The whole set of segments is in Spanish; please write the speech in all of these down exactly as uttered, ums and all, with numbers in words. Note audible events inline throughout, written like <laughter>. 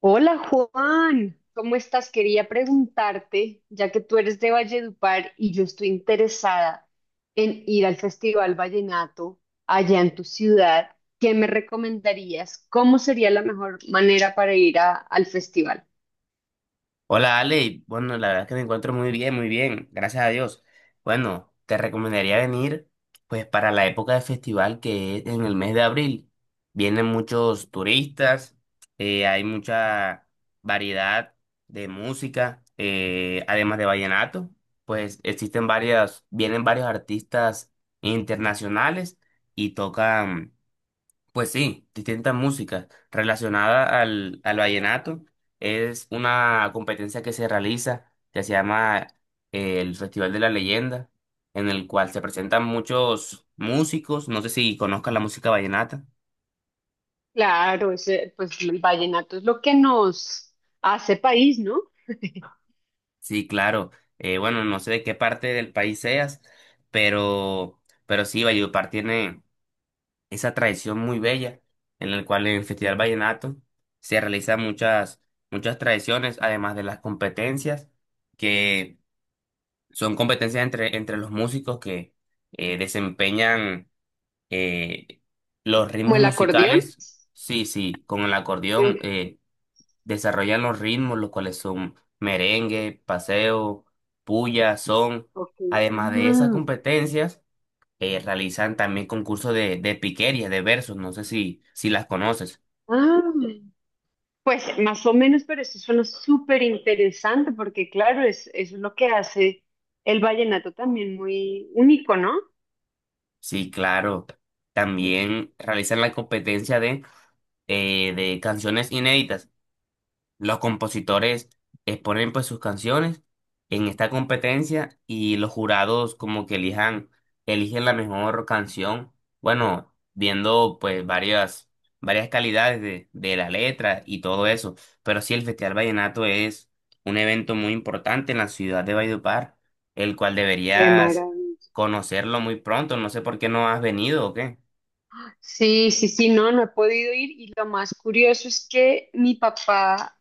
Hola Juan, ¿cómo estás? Quería preguntarte, ya que tú eres de Valledupar y yo estoy interesada en ir al Festival Vallenato allá en tu ciudad, ¿qué me recomendarías? ¿Cómo sería la mejor manera para ir a- al festival? Hola Ale, bueno, la verdad es que me encuentro muy bien, muy bien, gracias a Dios. Bueno, te recomendaría venir pues para la época de festival que es en el mes de abril. Vienen muchos turistas, eh, hay mucha variedad de música, eh, además de vallenato, pues existen varias, vienen varios artistas internacionales y tocan pues sí, distintas músicas relacionadas al, al vallenato. Es una competencia que se realiza, que se llama eh, el Festival de la Leyenda, en el cual se presentan muchos músicos. No sé si conozcas la música vallenata. Claro, ese, pues el vallenato es lo que nos hace país, ¿no? <laughs> Sí, claro. Eh, bueno, no sé de qué parte del país seas, pero, pero sí, Valledupar tiene esa tradición muy bella en la cual en el Festival Vallenato se realizan muchas, muchas tradiciones, además de las competencias, que son competencias entre, entre los músicos que eh, desempeñan eh, los Como ritmos el acordeón. musicales, sí, sí, con el acordeón eh, desarrollan los ritmos, los cuales son merengue, paseo, puya, son. Ok. Además de esas Ah, competencias, eh, realizan también concursos de, de piquería, de versos, no sé si, si las conoces. ah. Pues más o menos, pero eso suena súper interesante porque claro, es, eso es lo que hace el vallenato también muy único, ¿no? Sí, claro. También realizan la competencia de, eh, de canciones inéditas. Los compositores exponen pues sus canciones en esta competencia y los jurados como que elijan, eligen la mejor canción, bueno, viendo pues varias, varias calidades de, de la letra y todo eso. Pero sí, el Festival Vallenato es un evento muy importante en la ciudad de Valledupar, el cual Qué deberías maravilla. conocerlo muy pronto. No sé por qué no has venido o qué. Sí, sí, sí, no, no he podido ir y lo más curioso es que mi papá,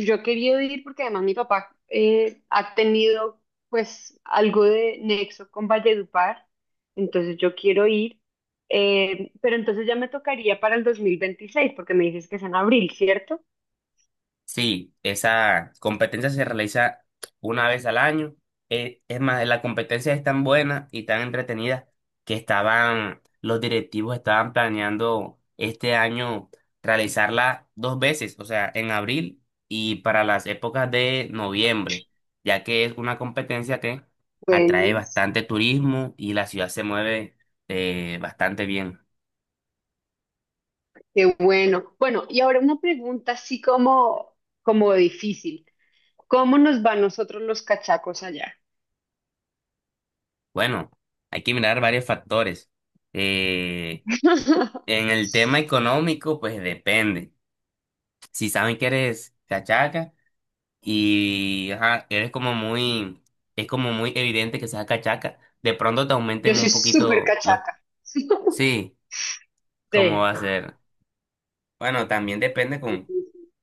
yo he querido ir porque además mi papá eh, ha tenido pues algo de nexo con Valledupar, entonces yo quiero ir, eh, pero entonces ya me tocaría para el dos mil veintiséis porque me dices que es en abril, ¿cierto? Sí, esa competencia se realiza una vez al año. Eh, es más, la competencia es tan buena y tan entretenida que estaban, los directivos estaban planeando este año realizarla dos veces, o sea, en abril y para las épocas de noviembre, ya que es una competencia que atrae Bueno. bastante turismo y la ciudad se mueve eh, bastante bien. Qué bueno. Bueno, y ahora una pregunta así como, como difícil. ¿Cómo nos va nosotros los cachacos allá? Bueno, hay que mirar varios factores. Eh, <laughs> En el tema económico, pues depende. Si saben que eres cachaca y ajá, eres como muy, es como muy evidente que seas cachaca, de pronto te Yo aumenten soy un súper poquito los... cachaca. Sí. Sí, ¿cómo va a ser? Bueno, también depende con,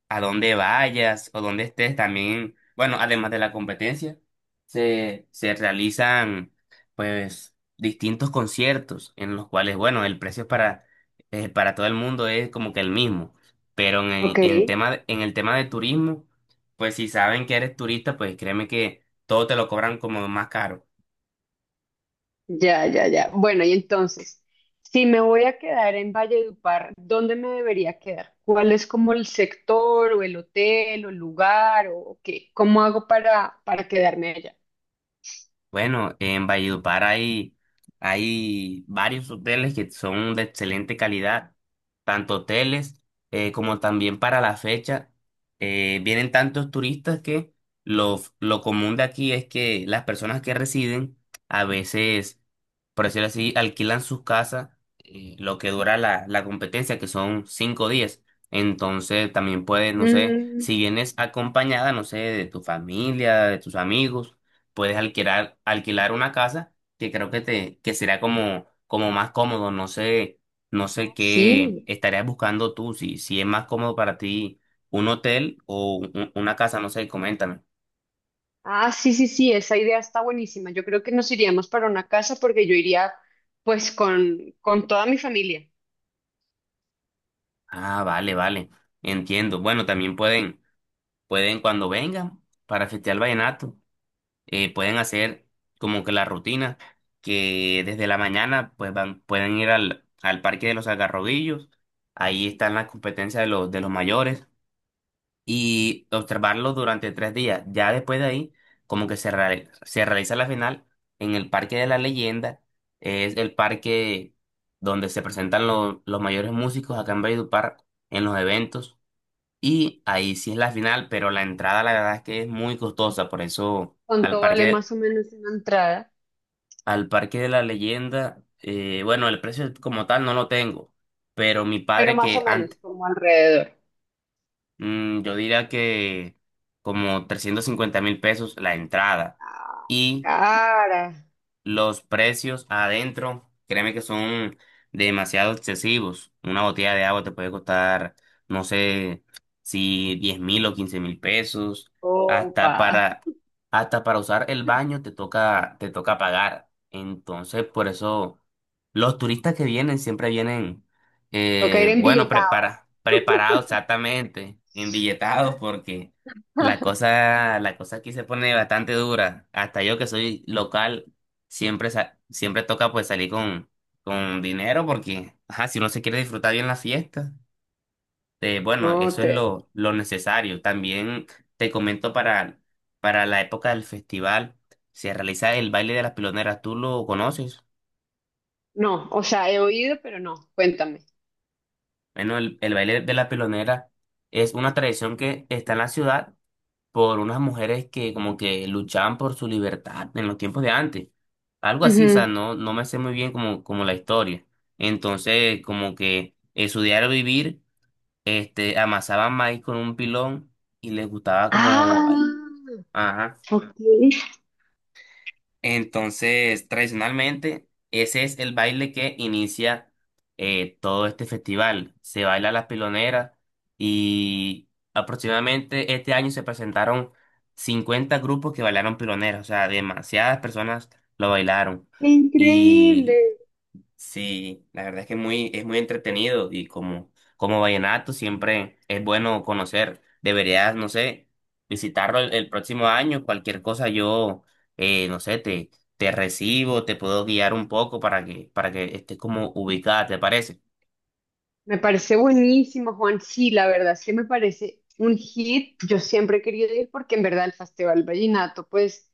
a donde vayas o donde estés también, bueno, además de la competencia, se, se realizan pues distintos conciertos en los cuales, bueno, el precio para, eh, para todo el mundo es como que el mismo, pero en, Ok, el- en tema, de- en el tema de turismo, pues si saben que eres turista, pues créeme que todo te lo cobran como más caro. ya, ya, ya. Bueno, y entonces, si me voy a quedar en Valledupar, ¿dónde me debería quedar? ¿Cuál es como el sector o el hotel o el lugar o qué? ¿Cómo hago para, para quedarme allá? Bueno, en Valledupar hay, hay varios hoteles que son de excelente calidad, tanto hoteles eh, como también para la fecha. eh, vienen tantos turistas que lo, f- lo común de aquí es que las personas que residen a veces, por decirlo así, alquilan sus casas eh, lo que dura la, la competencia, que son cinco días. Entonces también puedes, no sé, Mm, si vienes acompañada, no sé, de tu familia, de tus amigos puedes alquilar, alquilar una casa que creo que te, que será como, como más cómodo. No sé, no sé qué sí. estarías buscando tú, si, si es más cómodo para ti un hotel o un- una casa, no sé, coméntame. Ah, sí, sí, sí, esa idea está buenísima. Yo creo que nos iríamos para una casa porque yo iría pues con, con toda mi familia. Ah, vale, vale, entiendo. Bueno, también pueden, pueden cuando vengan para festear el vallenato, eh, pueden hacer como que la rutina que desde la mañana pues van, pueden ir al, al Parque de los Algarrobillos. Ahí están las competencias de los, de los mayores y observarlo durante tres días. Ya después de ahí, como que se, reali- se realiza la final en el Parque de la Leyenda, es el parque donde se presentan lo- los mayores músicos acá en Valledupar en los eventos, y ahí sí es la final, pero la entrada la verdad es que es muy costosa, por eso al ¿Cuánto vale Parque, más o menos una entrada? al Parque de la Leyenda, eh, bueno, el precio como tal no lo tengo, pero mi Pero padre más que o menos, antes... como alrededor. Mm, yo diría que como trescientos cincuenta mil pesos la entrada Ah, y cara, los precios adentro, créeme que son demasiado excesivos. Una botella de agua te puede costar, no sé, si diez mil o quince mil pesos. Hasta copa. para, hasta para usar el baño te toca, te toca pagar. Entonces, por eso, los turistas que vienen siempre vienen, Toca ir eh, bueno, embilletado. prepara, preparados exactamente, embilletados, porque la <laughs> cosa, la cosa aquí se pone bastante dura. Hasta yo que soy local siempre, sa- siempre toca pues salir con, con dinero porque, ajá, si uno se quiere disfrutar bien la fiesta, eh, bueno, No, eso es te... lo, lo necesario. También te comento para, para la época del festival, se realiza el baile de las piloneras, ¿tú lo conoces? No, o sea, he oído, pero no. Cuéntame. Bueno, el, el baile de la pilonera es una tradición que está en la ciudad por unas mujeres que como que luchaban por su libertad en los tiempos de antes. Algo así, o Ujú. sea, no, no me sé muy bien como, como la historia. Entonces, como que en su diario vivir, este, amasaban maíz con un pilón y les gustaba como, Ah, ajá, ok. entonces, tradicionalmente, ese es el baile que inicia eh, todo este festival. Se baila la pilonera y aproximadamente este año se presentaron cincuenta grupos que bailaron piloneras, o sea, demasiadas personas lo bailaron. Qué increíble. Y sí, la verdad es que es muy, es muy entretenido y como, como vallenato siempre es bueno conocer. Deberías, no sé, visitarlo el, el próximo año. Cualquier cosa yo, eh, no sé, te, te recibo, te puedo guiar un poco para que, para que estés como ubicada, ¿te parece? Me parece buenísimo, Juan. Sí, la verdad, sí me parece un hit. Yo siempre he querido ir porque en verdad el Festival Vallenato, pues,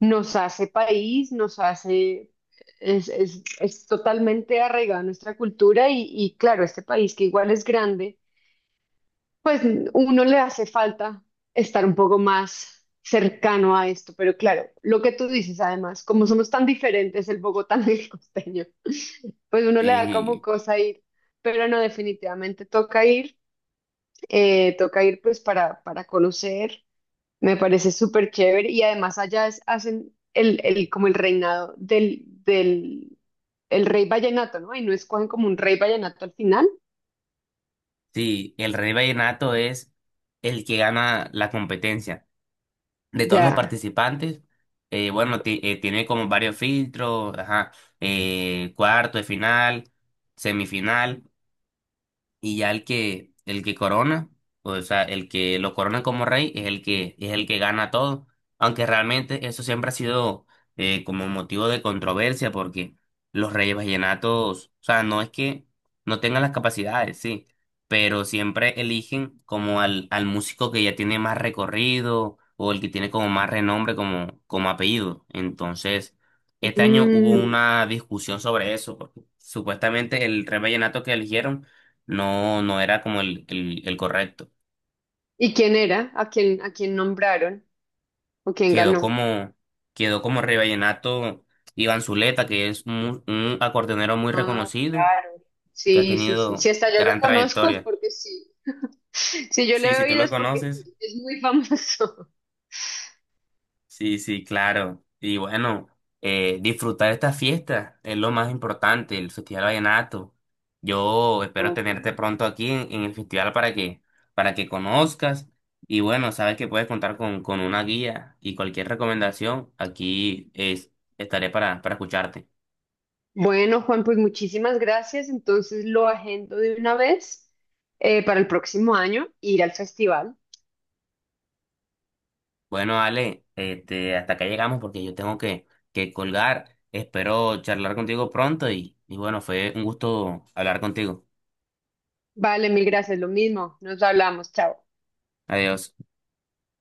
nos hace país, nos hace, es, es, es totalmente arraigada a nuestra cultura y, y claro, este país que igual es grande, pues uno le hace falta estar un poco más cercano a esto. Pero claro, lo que tú dices además, como somos tan diferentes el bogotano <laughs> y el costeño, pues uno le da como Sí, cosa ir. Pero no, definitivamente toca ir. Eh, toca ir pues para, para conocer, me parece súper chévere y además allá es- hacen el, el, como el reinado del, del el rey vallenato, ¿no? Y no escogen como un rey vallenato al final. sí, el rey vallenato es el que gana la competencia de todos los Ya. participantes. eh, bueno, ti- eh, tiene como varios filtros, ajá, eh, cuarto de final, semifinal y ya el que el que corona, o sea, el que lo corona como rey es el que es el que gana todo, aunque realmente eso siempre ha sido eh, como motivo de controversia porque los reyes vallenatos, o sea, no es que no tengan las capacidades, sí, pero siempre eligen como al al músico que ya tiene más recorrido o el que tiene como más renombre como como apellido. Entonces, este año hubo Mm. una discusión sobre eso, porque supuestamente el rey vallenato que eligieron no, no era como el, el, el correcto. ¿Y quién era? ¿A quién, a quién nombraron? ¿O quién Quedó ganó? como, quedó como Vallenato Iván Zuleta, que es mu- un, acordeonero muy Ah, reconocido, claro. que ha Sí, sí, sí. Si tenido hasta yo lo gran conozco es trayectoria. porque sí. <laughs> Si yo lo Sí, he si tú oído lo es porque conoces, sí. Es muy famoso. sí, sí, claro. Y bueno, eh, disfrutar esta fiesta es lo más importante, el Festival Vallenato. Yo espero tenerte <laughs> pronto aquí en, en el festival para que, para que conozcas. Y bueno, sabes que puedes contar con, con una guía y cualquier recomendación, aquí es, estaré para, para escucharte. Bueno, Juan, pues muchísimas gracias. Entonces lo agendo de una vez eh, para el próximo año, ir al festival. Bueno, Ale, este, hasta acá llegamos porque yo tengo que, que colgar. Espero charlar contigo pronto y, y bueno, fue un gusto hablar contigo. Vale, mil gracias, lo mismo. Nos hablamos, chao. Adiós.